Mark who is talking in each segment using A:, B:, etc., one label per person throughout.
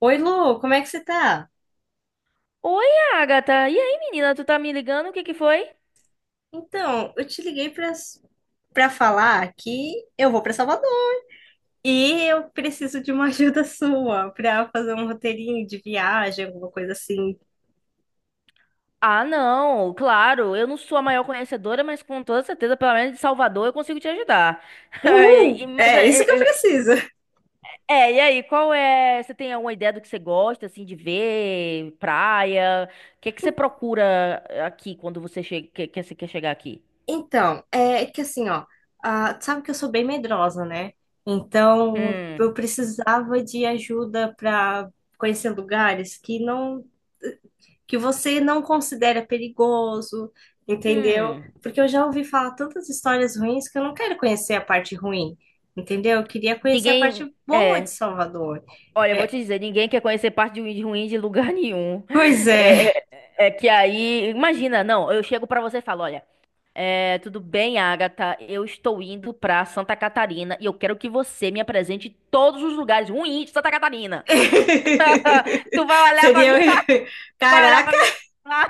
A: Oi, Lu, como é que você tá?
B: Oi, Agatha. E aí, menina, tu tá me ligando? O que que foi?
A: Então, eu te liguei para falar que eu vou para Salvador e eu preciso de uma ajuda sua para fazer um roteirinho de viagem, alguma coisa assim.
B: Ah, não, claro, eu não sou a maior conhecedora, mas com toda certeza, pelo menos de Salvador, eu consigo te ajudar.
A: Uhul!
B: Mas
A: É isso que eu
B: é, é,
A: preciso.
B: é, é, e aí, qual é? Você tem alguma ideia do que você gosta, assim, de ver? Praia? O que que você procura aqui quando você chega, que você quer chegar aqui?
A: Então, é que assim, ó, ah, sabe que eu sou bem medrosa, né? Então, eu
B: Hum,
A: precisava de ajuda para conhecer lugares que você não considera perigoso, entendeu?
B: hum.
A: Porque eu já ouvi falar tantas histórias ruins que eu não quero conhecer a parte ruim, entendeu? Eu queria conhecer a parte
B: Ninguém.
A: boa de
B: É.
A: Salvador.
B: Olha, eu vou
A: É,
B: te dizer, ninguém quer conhecer parte de ruim ruim de lugar nenhum.
A: pois é.
B: É, é que aí, imagina, não, eu chego pra você e falo, olha, tudo bem, Agatha, eu estou indo pra Santa Catarina e eu quero que você me apresente todos os lugares ruins de Santa Catarina. Tu vai olhar pra
A: Seria.
B: minha, vai olhar pra
A: Caraca!
B: minha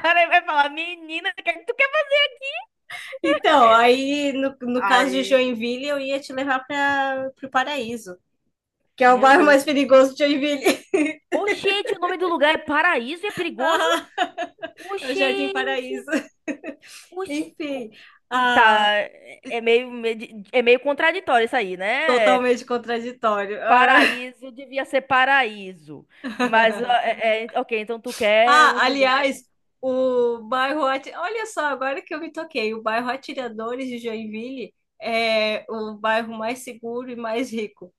B: cara e vai falar, menina, o que é que tu quer fazer?
A: Então, aí no, no caso de
B: Ai,
A: Joinville, eu ia te levar para o Paraíso, que é o
B: meu
A: bairro
B: Deus.
A: mais perigoso de Joinville.
B: Oxente, o nome do lugar é Paraíso e é perigoso?
A: Ah, é o Jardim
B: Oxente.
A: Paraíso.
B: Oxi,
A: Enfim, ah,
B: Tá, é meio contraditório isso aí, né?
A: totalmente contraditório. Ah.
B: Paraíso devia ser paraíso. Mas, ó, ok, então tu quer
A: Ah,
B: uns lugares.
A: aliás, Olha só, agora que eu me toquei, o bairro Atiradores de Joinville é o bairro mais seguro e mais rico.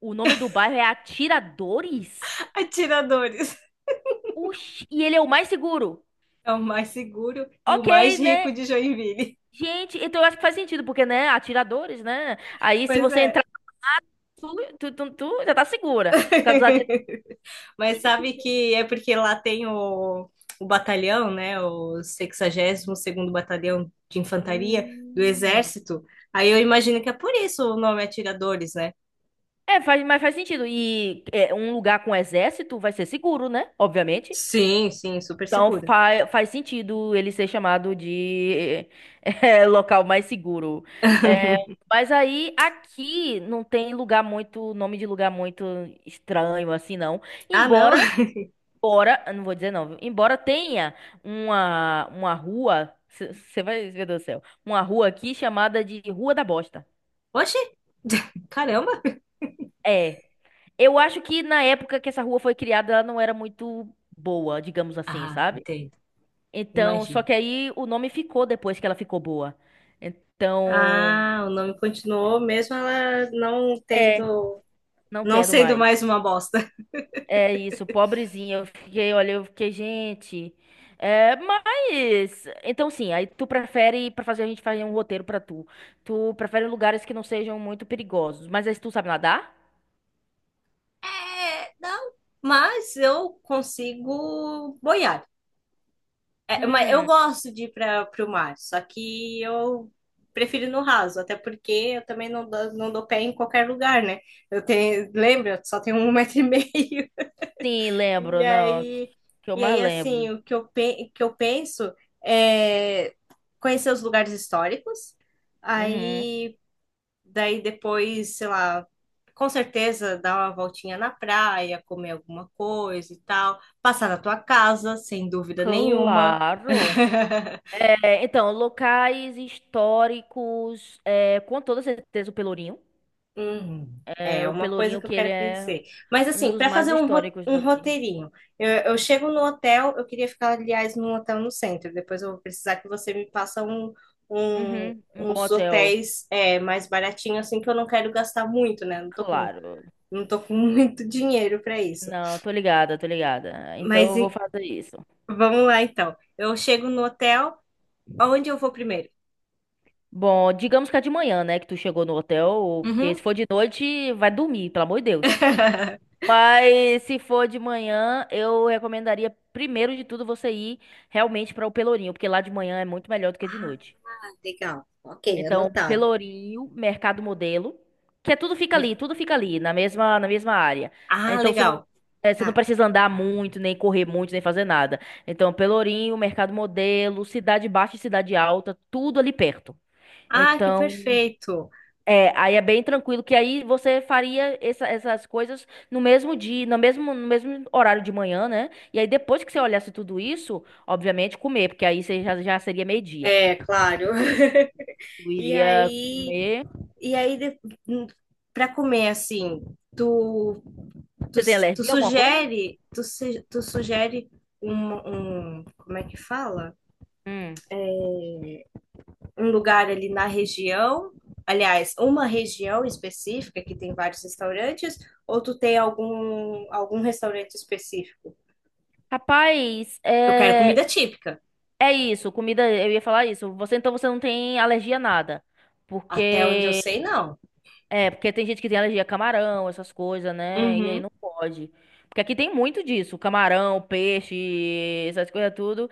B: O nome do bairro é Atiradores?
A: Atiradores
B: Oxi, e ele é o mais seguro.
A: é o mais seguro e o
B: Ok,
A: mais rico
B: né?
A: de Joinville.
B: Gente, então eu acho que faz sentido, porque, né? Atiradores, né? Aí se
A: Pois
B: você
A: é.
B: entrar, tu, tu já tá segura. Por causa dos atiradores.
A: Mas
B: Gente.
A: sabe que é porque lá tem o batalhão, né? O 62 segundo Batalhão de Infantaria do
B: Hum.
A: Exército. Aí eu imagino que é por isso o nome Atiradores, né?
B: É, faz, mas faz sentido. E um lugar com exército vai ser seguro, né? Obviamente.
A: Sim, sim, super
B: Então
A: seguro.
B: fa faz sentido ele ser chamado de local mais seguro. É, mas aí aqui não tem nome de lugar muito estranho assim, não.
A: Ah, não?
B: Embora, embora, eu não vou dizer não, viu? Embora tenha uma rua, você vai ver do céu, uma rua aqui chamada de Rua da Bosta.
A: Oxi! Caramba!
B: É. Eu acho que na época que essa rua foi criada, ela não era muito boa, digamos assim,
A: Ah,
B: sabe?
A: entendo.
B: Então, só
A: Imagino.
B: que aí o nome ficou depois que ela ficou boa. Então,
A: Ah, o nome continuou mesmo ela não
B: é,
A: tendo,
B: não
A: não
B: tendo
A: sendo
B: mais.
A: mais uma bosta.
B: É isso, pobrezinha. Eu fiquei, olha, eu fiquei, gente. É, mas. Então, sim, aí tu prefere, pra fazer a gente fazer um roteiro pra tu. Tu prefere lugares que não sejam muito perigosos. Mas aí tu sabe nadar?
A: É, não, mas eu consigo boiar. É, mas eu
B: Hum,
A: gosto de ir para o mar, só que eu prefiro no raso, até porque eu também não dou pé em qualquer lugar, né? Eu tenho, lembra, só tenho um metro e meio.
B: sim,
A: E
B: lembro, não.
A: aí,
B: Que eu
A: e
B: mais
A: aí
B: lembro.
A: assim, o que eu, pe- que eu penso é conhecer os lugares históricos,
B: Uhum.
A: aí daí depois, sei lá, com certeza dar uma voltinha na praia, comer alguma coisa e tal, passar na tua casa, sem dúvida nenhuma.
B: Claro. É, então, locais históricos, com toda certeza o Pelourinho.
A: Uhum.
B: É,
A: É
B: o
A: uma coisa
B: Pelourinho
A: que eu
B: que ele
A: quero
B: é
A: conhecer. Mas
B: um
A: assim,
B: dos
A: para
B: mais
A: fazer
B: históricos
A: um
B: daqui.
A: roteirinho, eu chego no hotel, eu queria ficar, aliás, num hotel no centro. Depois eu vou precisar que você me passa
B: Uhum, um bom
A: uns
B: hotel,
A: hotéis é, mais baratinhos, assim, que eu não quero gastar muito, né?
B: claro.
A: Não tô com muito dinheiro para isso.
B: Não, tô ligada, tô ligada. Então
A: Mas
B: eu vou
A: e-
B: fazer isso.
A: vamos lá então. Eu chego no hotel, aonde eu vou primeiro?
B: Bom, digamos que é de manhã, né, que tu chegou no hotel, porque
A: Uhum.
B: se for de noite, vai dormir, pelo amor de Deus. Mas se for de manhã, eu recomendaria primeiro de tudo você ir realmente para o Pelourinho, porque lá de manhã é muito melhor do que de
A: Ah,
B: noite.
A: legal. Ok,
B: Então,
A: anotado.
B: Pelourinho, Mercado Modelo, que é tudo fica ali, na mesma área.
A: Ah,
B: Então,
A: legal.
B: você não precisa andar muito, nem correr muito, nem fazer nada. Então, Pelourinho, Mercado Modelo, Cidade Baixa e Cidade Alta, tudo ali perto.
A: Ah, que
B: Então,
A: perfeito.
B: aí é bem tranquilo, que aí você faria essas coisas no mesmo dia, no mesmo horário de manhã, né? E aí depois que você olhasse tudo isso, obviamente comer, porque aí você já seria meio-dia.
A: É, claro.
B: Eu
A: E
B: iria
A: aí,
B: comer.
A: e aí de- pra comer assim, tu, tu,
B: Você tem
A: tu
B: alergia a alguma coisa?
A: sugere, tu, se- tu sugere como é que fala?
B: Hum.
A: Um lugar ali na região, aliás, uma região específica que tem vários restaurantes, ou tu tem algum restaurante específico?
B: Rapaz,
A: Eu quero
B: é,
A: comida típica.
B: é isso, comida, eu ia falar isso. Você então você não tem alergia a nada.
A: Até onde eu
B: Porque
A: sei, não.
B: porque tem gente que tem alergia a camarão, essas coisas, né? E aí
A: Uhum.
B: não pode. Porque aqui tem muito disso, camarão, peixe, essas coisas tudo.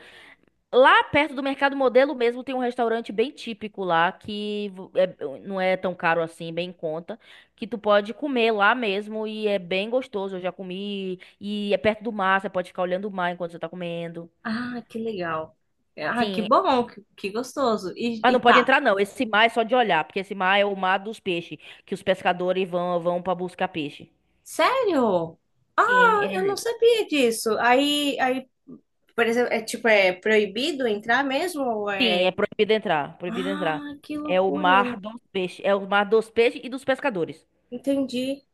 B: Lá perto do Mercado Modelo mesmo tem um restaurante bem típico lá que não é tão caro assim, bem em conta, que tu pode comer lá mesmo e é bem gostoso. Eu já comi e é perto do mar, você pode ficar olhando o mar enquanto você tá comendo.
A: Ah, que legal. Ah, que
B: Sim.
A: bom, que gostoso.
B: Mas não
A: E
B: pode
A: tá,
B: entrar, não. Esse mar é só de olhar, porque esse mar é o mar dos peixes, que os pescadores vão para buscar peixe.
A: sério?
B: Sim,
A: Ah, eu não sabia disso. Por exemplo, é tipo, é proibido entrar mesmo? Ou
B: sim,
A: é...
B: é proibido entrar, proibido entrar.
A: Ah, que
B: É o mar
A: loucura.
B: dos peixes, é o mar dos peixes e dos pescadores.
A: Entendi,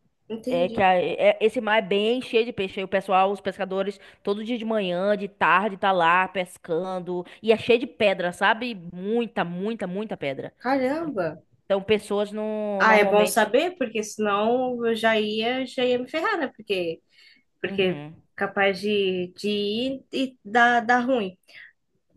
B: É que
A: entendi.
B: esse mar é bem cheio de peixe. Aí o pessoal, os pescadores, todo dia de manhã, de tarde, tá lá pescando. E é cheio de pedra, sabe? Muita, muita, muita pedra.
A: Caramba.
B: Então, pessoas não,
A: Ah, é bom
B: normalmente.
A: saber, porque senão já ia me ferrar, né? Porque
B: Uhum,
A: capaz de ir e dar ruim.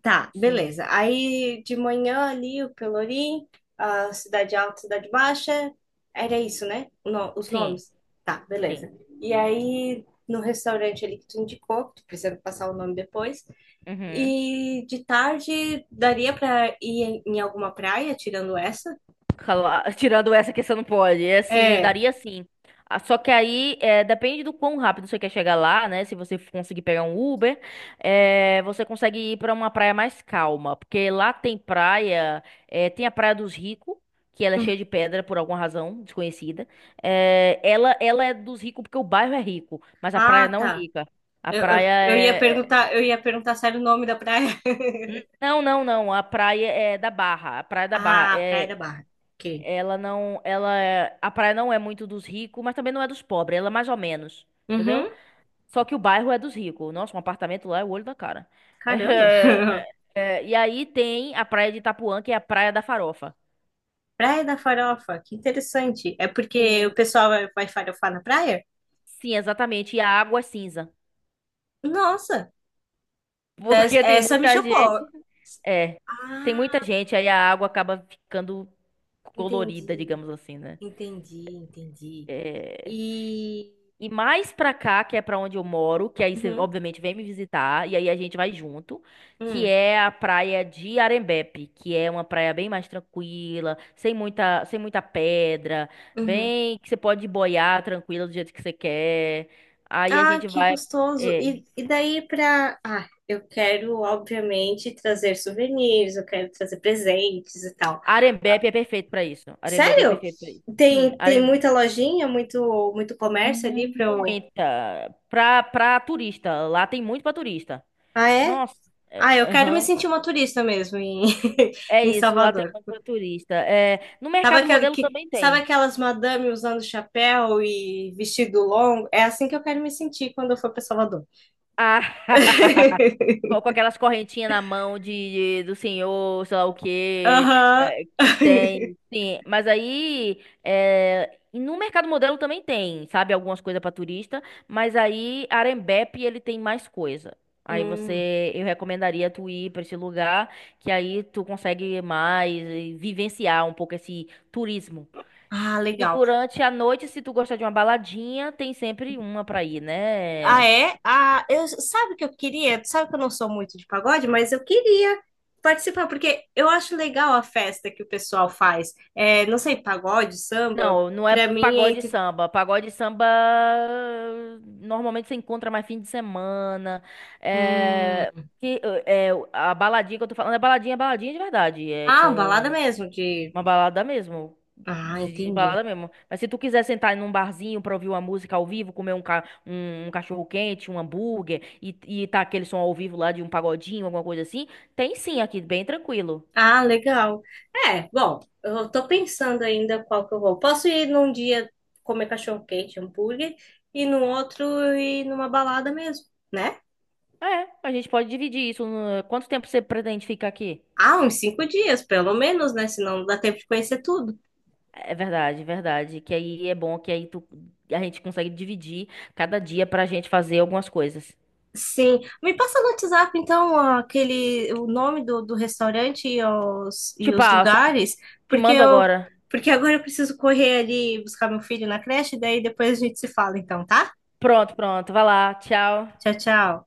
A: Tá,
B: sim,
A: beleza. Aí de manhã ali o Pelourinho, a Cidade Alta, Cidade Baixa, era isso, né? O no- os
B: sim,
A: nomes. Tá,
B: sim.
A: beleza. E aí no restaurante ali que tu indicou, que tu precisa passar o nome depois.
B: Uhum.
A: E de tarde daria pra ir em alguma praia, tirando essa?
B: Tirando essa que você não pode. É assim,
A: É.
B: daria sim. Ah, só que aí depende do quão rápido você quer chegar lá, né? Se você conseguir pegar um Uber, você consegue ir para uma praia mais calma. Porque lá tem praia, tem a Praia dos Ricos, que ela é cheia de pedra por alguma razão desconhecida. É, ela é dos ricos porque o bairro é rico, mas a praia
A: Ah,
B: não é
A: tá.
B: rica. A praia é. é-
A: Eu ia perguntar se era o nome da praia.
B: Não, não, não. A praia é da Barra. A praia da Barra.
A: Ah, Praia da
B: É,
A: Barra. Ok.
B: Ela não, a praia não é muito dos ricos, mas também não é dos pobres, ela é mais ou menos, entendeu?
A: Uhum.
B: Só que o bairro é dos ricos. Nossa, um apartamento lá é o olho da cara.
A: Caramba.
B: É, e aí tem a praia de Itapuã, que é a praia da farofa.
A: Praia da Farofa, que interessante. É porque o
B: Sim,
A: pessoal vai farofar na praia?
B: sim, exatamente. E a água é cinza,
A: Nossa,
B: porque tem
A: essa me
B: muita gente.
A: chocou.
B: É, tem muita
A: Ah,
B: gente, aí a água acaba ficando colorida,
A: entendi,
B: digamos assim, né?
A: entendi.
B: É,
A: E.
B: E mais pra cá, que é pra onde eu moro, que aí você
A: Uhum,
B: obviamente vem me visitar, e aí a gente vai junto, que
A: uhum,
B: é a praia de Arembepe, que é uma praia bem mais tranquila, sem muita pedra,
A: uhum.
B: bem que você pode boiar tranquila do jeito que você quer. Aí a
A: Ah,
B: gente
A: que
B: vai.
A: gostoso.
B: É,
A: E daí pra. Ah, eu quero, obviamente, trazer souvenirs, eu quero trazer presentes e tal.
B: Arembepe é perfeito pra isso. Arembepe é
A: Sério?
B: perfeito pra isso. Sim,
A: Tem
B: Arembepe.
A: muita lojinha, muito comércio ali pra eu.
B: Muita. Pra turista. Lá tem muito pra turista.
A: Ah, é?
B: Nossa.
A: Ah, eu quero me
B: Aham.
A: sentir uma turista mesmo em,
B: É
A: em
B: isso, lá tem
A: Salvador.
B: muito pra turista. É, no
A: Sabe,
B: Mercado Modelo também
A: sabe
B: tem.
A: aquelas madame usando chapéu e vestido longo? É assim que eu quero me sentir quando eu for para Salvador.
B: Ah, com aquelas correntinhas na mão do senhor, sei lá o quê,
A: Aham.
B: que tem, sim. Mas aí, e no Mercado Modelo também tem, sabe, algumas coisas para turista, mas aí Arembepe ele tem mais coisa. Aí
A: Hum.
B: você, eu recomendaria tu ir para esse lugar, que aí tu consegue mais vivenciar um pouco esse turismo.
A: Ah,
B: E
A: legal.
B: durante a noite, se tu gostar de uma baladinha, tem sempre uma pra ir,
A: Ah,
B: né?
A: é? Ah, eu, sabe o que eu queria? Tu Sabe que eu não sou muito de pagode, mas eu queria participar, porque eu acho legal a festa que o pessoal faz. É, não sei, pagode, samba,
B: Não, não é
A: pra mim é
B: pagode e
A: entre.
B: samba. Pagode e samba normalmente você encontra mais fim de semana.
A: Hum.
B: É que a baladinha que eu tô falando é baladinha, baladinha de verdade. É
A: Ah, balada
B: com
A: mesmo, de
B: Uma balada mesmo.
A: Ah,
B: De
A: entendi.
B: balada mesmo. Mas se tu quiser sentar num barzinho pra ouvir uma música ao vivo, comer um cachorro quente, um hambúrguer e tá aquele som ao vivo lá de um pagodinho, alguma coisa assim, tem sim aqui, bem tranquilo.
A: Ah, legal. É, bom, eu tô pensando ainda qual que eu vou. Posso ir num dia comer cachorro-quente, hambúrguer, e no outro ir numa balada mesmo, né?
B: É, a gente pode dividir isso. Quanto tempo você pretende ficar aqui?
A: Ah, uns cinco dias, pelo menos, né? Senão não dá tempo de conhecer tudo.
B: É verdade, verdade. Que aí é bom que a gente consegue dividir cada dia pra gente fazer algumas coisas.
A: Sim. Me passa no WhatsApp, então, aquele, o nome do, do restaurante
B: Te
A: e os
B: passo,
A: lugares,
B: te
A: porque
B: mando
A: eu,
B: agora.
A: porque agora eu preciso correr ali buscar meu filho na creche, daí depois a gente se fala, então, tá?
B: Pronto, pronto. Vai lá, tchau.
A: Tchau, tchau.